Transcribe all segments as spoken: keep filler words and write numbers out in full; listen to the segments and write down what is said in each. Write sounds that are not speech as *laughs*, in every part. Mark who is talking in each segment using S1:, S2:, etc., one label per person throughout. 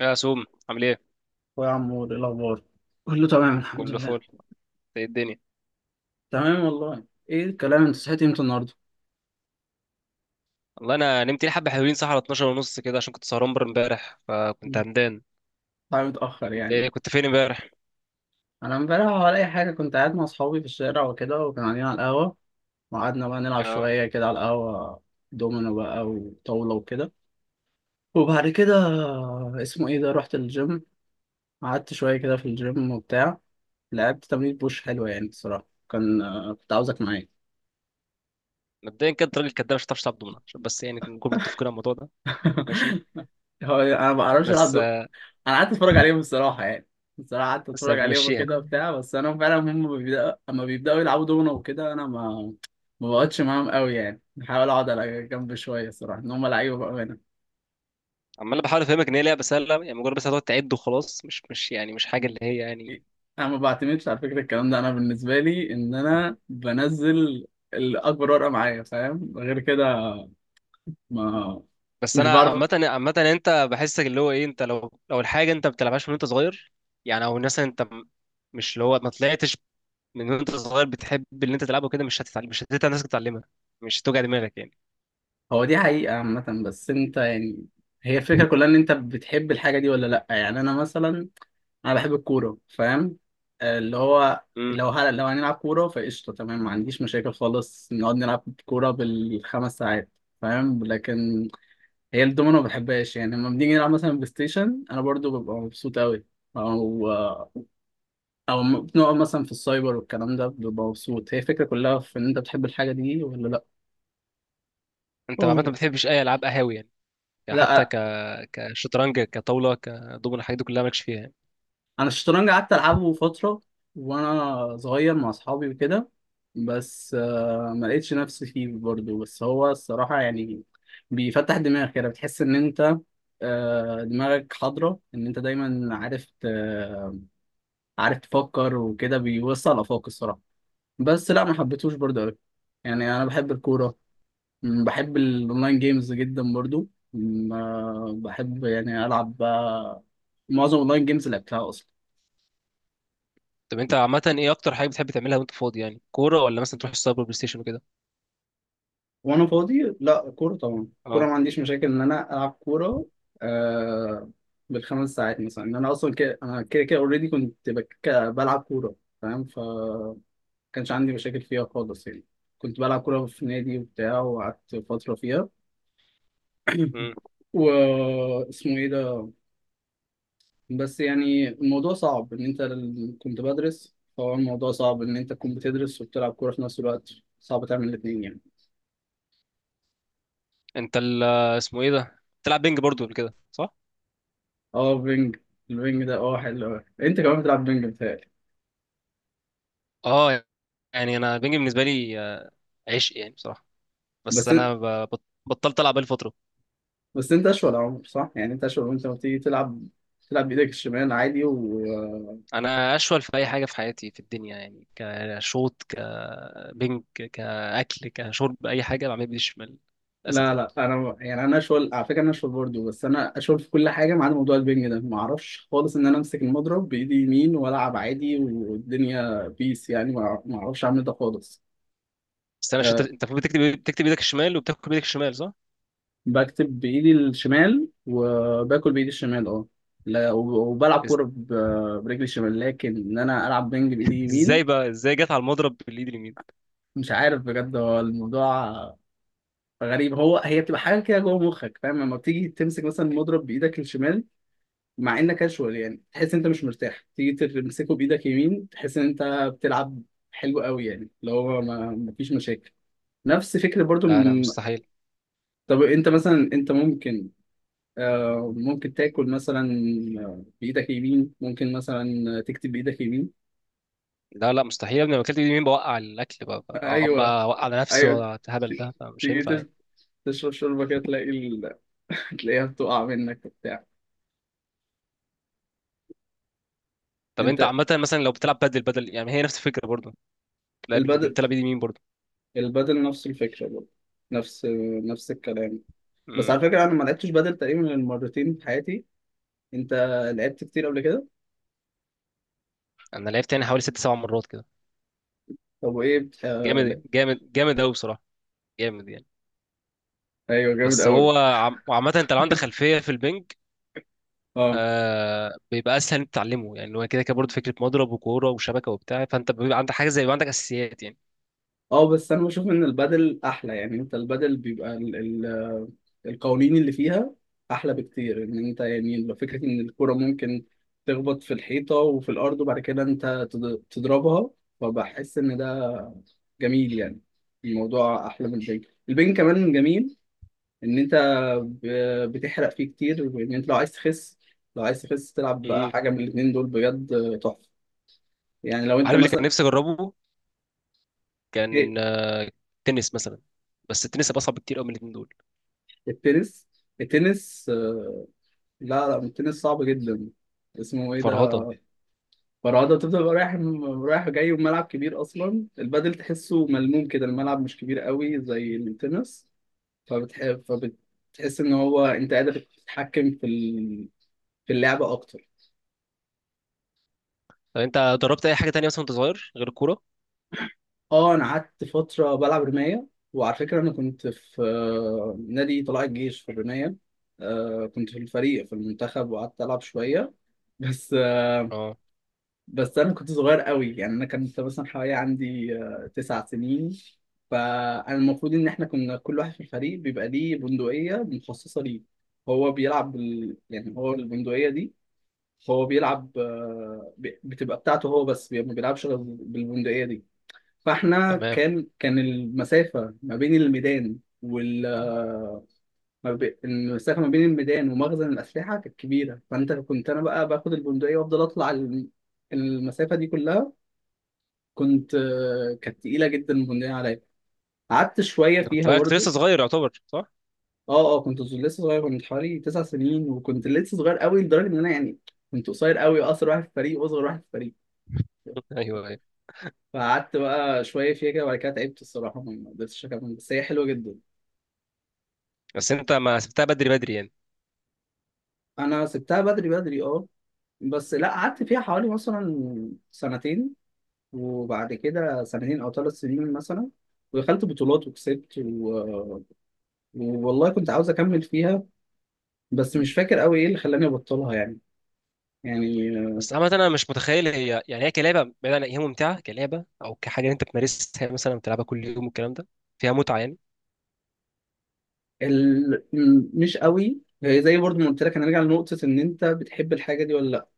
S1: يا سوم، عامل ايه؟
S2: ويا عمور ايه الاخبار؟ كله تمام الحمد
S1: كله
S2: لله.
S1: فل. إنت ايه الدنيا؟
S2: تمام والله. ايه الكلام؟ انت صحيت امتى النهارده؟
S1: والله انا نمت لي حبه حلوين، صح، على اثنا عشر ونص كده عشان كنت سهران بره امبارح، فكنت
S2: مم.
S1: همدان.
S2: طبعا متاخر
S1: انت ايه،
S2: يعني.
S1: كنت فين امبارح؟
S2: انا امبارح ولا اي حاجه كنت قاعد مع اصحابي في الشارع وكده وكانوا قاعدين على القهوه، وقعدنا بقى نلعب
S1: اه،
S2: شويه كده على القهوه دومينو بقى وطاوله وكده. وبعد كده اسمه ايه ده رحت الجيم. قعدت شويه كده في الجيم وبتاع، لعبت تمرين بوش حلوه يعني الصراحه. كان كنت عاوزك معايا.
S1: مبدئيا كده الراجل الكداب مش هتعرف تلعب دومنه، عشان بس يعني نكون متفقين على الموضوع ده. ماشي.
S2: *laughs* هو انا ما بعرفش
S1: بس
S2: العب. انا قعدت اتفرج عليهم الصراحه يعني. الصراحه قعدت
S1: بس
S2: اتفرج عليهم
S1: هنمشيها.
S2: وكده وبتاع. بس انا فعلا هم بيبدأ... اما بيبداوا يلعبوا دومنا وكده انا ما ما بقعدش معاهم قوي يعني. بحاول اقعد على جنب شويه الصراحه ان هم لعيبه بقى هنا.
S1: عمال بحاول افهمك ان هي لعبه سهله، يعني مجرد بس هتقعد تعد وخلاص، مش مش يعني مش حاجه اللي هي يعني.
S2: انا ما بعتمدش على فكره الكلام ده. انا بالنسبه لي ان انا بنزل الاكبر ورقه معايا فاهم غير كده. ما
S1: بس
S2: مش
S1: انا
S2: بعرف.
S1: عامه عامه انت بحسك اللي هو ايه، انت لو لو الحاجه انت ما بتلعبهاش من وانت صغير، يعني، او مثلا انت م- مش اللي هو ما طلعتش من وانت صغير بتحب اللي انت تلعبه كده، مش هتتعلم مش هتتعلم نفسك تتعلمها. مش هتوجع دماغك يعني.
S2: هو دي حقيقه عامه، بس انت يعني هي الفكره كلها ان انت بتحب الحاجه دي ولا لا. يعني انا مثلا انا بحب الكوره فاهم. آه، اللي هو
S1: امم.
S2: لو هل... لو هنلعب كوره فقشطه تمام، ما عنديش مشاكل خالص، نقعد نلعب كوره بالخمس ساعات فاهم. لكن هي الدومينو ما بحبهاش يعني. لما بنيجي نلعب مثلا بلاي ستيشن انا برضو ببقى مبسوط قوي. او او م- بنقعد مثلا في السايبر والكلام ده ببقى مبسوط. هي الفكره كلها في ان انت بتحب الحاجه دي ولا لا.
S1: انت عامه ما
S2: أوه.
S1: بتحبش اي العاب قهاوي يعني؟ يعني حتى
S2: لا
S1: ك كشطرنج كطاوله كدومينو، الحاجات دي كلها مالكش فيها يعني.
S2: انا الشطرنج قعدت العبه فتره وانا صغير مع اصحابي وكده. بس آه، ما لقيتش نفسي فيه برضه، بس هو الصراحه يعني بيفتح دماغك كده بتحس ان انت آه، دماغك حاضره ان انت دايما عارف ت- عارف تفكر وكده، بيوسع الافاق الصراحه. بس لا ما حبيتهوش برضه قوي يعني. انا بحب الكوره. م، بحب الاونلاين جيمز جدا برضه. م، آه، بحب يعني العب بقى معظم الاونلاين جيمز اللي لعبتها اصلا.
S1: طب انت عامه ايه اكتر حاجه بتحب تعملها وانت فاضي؟ يعني كوره، ولا مثلا تروح السايبر بلاي ستيشن وكده؟
S2: وانا فاضي لا كوره طبعا. كوره
S1: اه.
S2: ما عنديش مشاكل ان انا العب كوره، آه، بالخمس ساعات مثلا. ان انا اصلا كده انا كده كده اوريدي كنت بك... بلعب كوره فاهم. ف كانش عندي مشاكل فيها خالص يعني. كنت بلعب كوره في نادي وبتاع وقعدت فتره فيها. *clears throat*
S1: امم.
S2: و اسمه ايه ده. بس يعني الموضوع صعب ان انت ال- كنت بدرس. فهو الموضوع صعب ان انت تكون بتدرس وبتلعب كوره في نفس الوقت. صعب تعمل الاثنين يعني.
S1: انت ال اسمه ايه ده، بتلعب بينج برضو قبل كده صح؟
S2: اه بينج. البينج ده اه حلو أوي. انت كمان بتلعب بينج بتهيألي.
S1: اه. يعني انا البينج بالنسبه لي آه، عشق يعني بصراحه. بس
S2: بس إن-
S1: انا ب- بط- بطلت العب بقالي فتره.
S2: بس انت اشول عمر صح يعني. انت اشول وانت لما بتيجي تلعب تلعب بايدك الشمال عادي و.
S1: انا اشول في اي حاجه في حياتي في الدنيا، يعني كشوط كبنك كاكل كشرب، اي حاجه بعمل بايدي الشمال للاسف
S2: لا
S1: يعني.
S2: لا انا يعني انا اشول على فكره. انا اشول برضه. بس انا اشول في كل حاجه ما عدا موضوع البينج ده. ما اعرفش خالص ان انا امسك المضرب بايدي يمين والعب عادي والدنيا بيس يعني. ما ما اعرفش اعمل ده خالص.
S1: بس انا شت...
S2: آه،
S1: انت المفروض بتكتب، بتكتب ايدك الشمال وبتاكل بايدك الشمال صح؟
S2: بكتب بايدي الشمال وباكل بايدي الشمال اه. لا وب- وبلعب
S1: إز...
S2: كوره ب- برجلي الشمال، لكن ان انا العب بنج بايدي اليمين.
S1: ازاي بقى ازاي جت على المضرب بالايد اليمين؟
S2: مش عارف بجد. هو الموضوع غريب. هو هي بتبقى حاجه كده جوه مخك فاهم. لما بتيجي تمسك مثلا مضرب بايدك الشمال مع انك كاجوال يعني تحس انت مش مرتاح. تيجي تمسكه بايدك يمين تحس ان انت بتلعب حلو قوي يعني، اللي هو ما ما فيش مشاكل. نفس فكره برضو.
S1: لا، لا،
S2: م-
S1: مستحيل.
S2: طب انت مثلا انت ممكن آه، ممكن تاكل مثلا بايدك يمين، ممكن مثلا تكتب بايدك يمين.
S1: لا، لا، مستحيل يا ابني. لو اكلت بايدي اليمين بوقع الاكل، بقى بقى- اقعد
S2: ايوه
S1: بقى اوقع على نفسي،
S2: ايوه.
S1: والهبل ده مش
S2: تيجي
S1: هينفع
S2: تش-
S1: يعني.
S2: تشرب شوربه كده تلاقي ال... *laughs* تلاقيها بتقع منك وبتاع.
S1: طب انت
S2: انت
S1: عامه مثلا لو بتلعب بدل بدل يعني هي نفس الفكره برضه؟ لا، بال-
S2: البدل
S1: بتلعب بايد اليمين برضه.
S2: البدل نفس الفكره برضه. نفس نفس الكلام. بس
S1: امم.
S2: على فكره انا ما لعبتش بدل تقريبا غير مرتين في حياتي. انت لعبت كتير قبل كده.
S1: انا لعبت يعني حوالي ست سبع مرات كده.
S2: طب وايه بت... آه... لا.
S1: جامد جامد جامد قوي بصراحه، جامد يعني.
S2: ايوه جامد
S1: بس
S2: قوي.
S1: هو عم... وعامة انت لو عندك خلفية في البنج،
S2: اه
S1: آه بيبقى اسهل انت تتعلمه، يعني هو كده كده برضه فكرة مضرب وكورة وشبكة وبتاع، فانت بيبقى عندك حاجة، زي بيبقى عندك اساسيات يعني.
S2: اه، بس انا بشوف ان البدل احلى يعني. انت البدل بيبقى القوانين اللي فيها احلى بكتير. ان انت يعني لو فكره ان الكرة ممكن تخبط في الحيطه وفي الارض وبعد كده انت تض- تضربها، فبحس ان ده جميل يعني. الموضوع احلى من البنج. البنج كمان جميل ان انت ب- بتحرق فيه كتير، وان انت لو عايز تخس لو عايز تخس تلعب بقى
S1: امم.
S2: حاجه من الاتنين دول بجد تحفه. يعني لو انت
S1: عارف اللي كان
S2: مثلا.
S1: نفسي اجربه؟
S2: ايه،
S1: كان آه، تنس مثلا. بس التنس هيبقى اصعب بكتير قوي من الاتنين دول.
S2: التنس. التنس آه، لا لا التنس صعب جدا. اسمه ايه ده
S1: فرهضة.
S2: فرعدة، بتفضل بقى رايح رايح جاي، وملعب كبير أصلا. البادل تحسه ملموم كده، الملعب مش كبير قوي زي التنس. فبتحب فبتحس إن هو أنت قادر تتحكم في ال... في اللعبة أكتر.
S1: طب انت جربت اي حاجة تانية مثلا وانت صغير غير الكورة؟
S2: أه أنا قعدت فترة بلعب رماية، وعلى فكرة أنا كنت في آه، نادي طلائع الجيش في الرماية. آه، كنت في الفريق في المنتخب وقعدت ألعب شوية بس.
S1: اه.
S2: بس انا كنت صغير قوي يعني. انا كنت مثلا حوالي عندي آه، تسع سنين. فانا المفروض ان احنا كنا كل واحد في الفريق بيبقى ليه بندقية مخصصة ليه. هو بيلعب بال... يعني هو البندقية دي هو بيلعب آه، ب- بتبقى بتاعته هو بس. بي- ما بيلعبش غير بالبندقية دي. فاحنا
S1: تمام.
S2: كان كان المسافة ما بين الميدان وال آه، ما بي- المسافة ما بين الميدان ومخزن الأسلحة كانت كبيرة. فأنت كنت أنا بقى باخد البندقية وأفضل أطلع ال- المسافة دي كلها. كنت آه، كانت تقيلة جدا، مهنية عليا. قعدت شوية
S1: انت كنت
S2: فيها
S1: بقى كنت
S2: برضه.
S1: لسه صغير يعتبر صح؟
S2: اه اه كنت لسه صغير. كنت حوالي تسع سنين وكنت لسه صغير قوي لدرجة ان انا يعني كنت قصير قوي، اقصر واحد في الفريق واصغر واحد في الفريق.
S1: *laughs* ايوه، ايوه.
S2: فقعدت بقى شوية فيها كده وبعد كده تعبت الصراحة. ما قدرتش أكمل، بس هي حلوة جدا.
S1: بس انت ما سبتها بدري بدري يعني.
S2: أنا سبتها بدري بدري أه. بس لا قعدت فيها حوالي مثلا سنتين. وبعد كده سنتين أو ثلاث سنين مثلا ودخلت بطولات وكسبت و... والله كنت عاوز أكمل فيها، بس مش فاكر قوي ايه اللي خلاني ابطلها يعني يعني
S1: بس عامة أنا مش متخيل، هي يعني هي كلعبة، بعيدا عن هي ممتعة كلعبة أو كحاجة أنت بتمارسها مثلا، بتلعبها كل يوم والكلام ده، فيها متعة يعني؟
S2: ال... م- مش قوي. هي زي برضه ما قلت لك هنرجع لنقطة ان انت بتحب الحاجة دي ولا لا.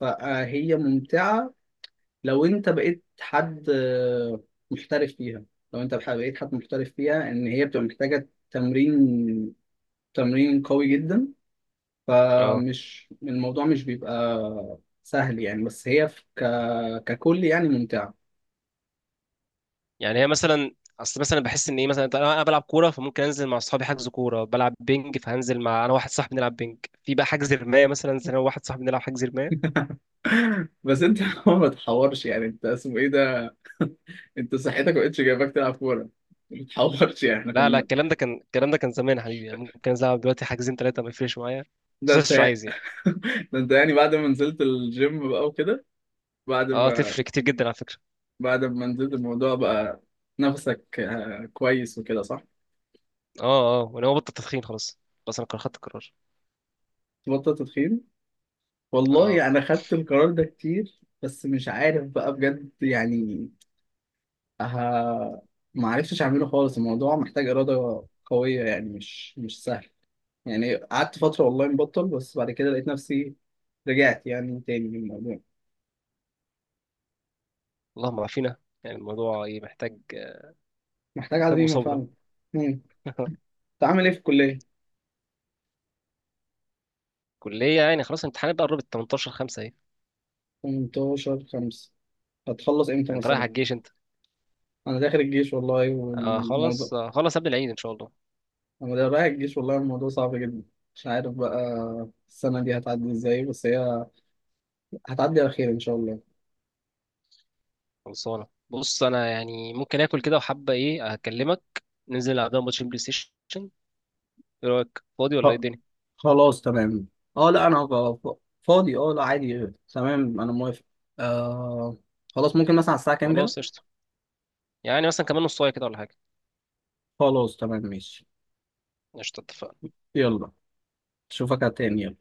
S2: فهي ممتعة لو انت بقيت حد آه، محترف فيها. لو انت بح- بقيت حد محترف فيها ان هي بتبقى محتاجة تمرين تمرين قوي جدا.
S1: أه.
S2: فمش الموضوع مش بيبقى سهل يعني. بس هي في ك... ككل يعني ممتعة.
S1: يعني هي مثلا، أصل مثلا بحس إن إيه، مثلا أنا أنا بلعب كورة، فممكن أنزل مع أصحابي حجز كورة، بلعب بينج فهنزل مع أنا واحد صاحبي نلعب بينج. في بقى حجز رماية مثلا، أنزل أنا وواحد صاحبي نلعب حجز رماية.
S2: بس انت *laughs* ما تحورش يعني. انت اسمه ايه ده انت صحتك ما بقتش جايباك تلعب كوره. ما بتحورش يعني احنا
S1: لا، لا،
S2: كنا.
S1: الكلام ده كان، الكلام ده كان زمان يا حبيبي. يعني ممكن أنزل ألعب دلوقتي حاجزين تلاتة، ما يفرقش معايا. بس
S2: ده
S1: أنا
S2: انت
S1: مش عايز يعني.
S2: *laughs* ده انت يعني بعد ما نزلت الجيم بقى وكده. بعد
S1: أه،
S2: ما
S1: تفرق كتير جدا على فكرة.
S2: بعد ما نزلت الموضوع بقى نفسك آه، كويس وكده صح؟
S1: أه، أه، وأنا هو بطل تدخين خلاص. خلاص أنا خدت القرار.
S2: تبطل تدخين؟
S1: اه.
S2: والله انا خدت القرار ده كتير بس مش عارف بقى بجد يعني. ها، ما عرفتش اعمله خالص. الموضوع محتاج إرادة قوية يعني مش مش سهل يعني. قعدت فترة والله مبطل، بس بعد كده لقيت نفسي رجعت يعني تاني للموضوع.
S1: اللهم عافينا. يعني الموضوع ايه محتاج.
S2: محتاج
S1: محتاج
S2: عزيمة
S1: مصابرة.
S2: فعلا. مم.
S1: *laughs*
S2: انت عامل ايه في الكلية؟
S1: كلية يعني خلاص الامتحانات بقى قربت، تمنتاشر خمسة اهي.
S2: ثمانية عشر خمسة هتخلص امتى
S1: انت رايح
S2: مثلا؟
S1: على الجيش انت؟
S2: انا داخل الجيش والله
S1: آه
S2: والموضوع.
S1: خلاص، آه خلاص، قبل العيد ان شاء الله.
S2: انا ده رايح الجيش والله الموضوع صعب جدا مش عارف بقى. السنة دي هتعدي ازاي؟ بس هي هتعدي على خير ان شاء الله.
S1: خلصانة. بص انا يعني ممكن اكل كده، وحابة ايه هكلمك. ننزل نلعب لنا ماتش بلاي ستيشن. ايه رأيك، فاضي ولا ايه
S2: خ-
S1: الدنيا؟
S2: خلاص تمام. اه لا انا غ- فاضي اه لا عادي. تمام انا موافق. آه خلاص ممكن مثلا على الساعة كام كده؟
S1: خلاص قشطة. يعني مثلا كمان نص ساعة كده ولا حاجة.
S2: خلاص تمام ماشي.
S1: قشطة، اتفقنا.
S2: يلا اشوفك تاني.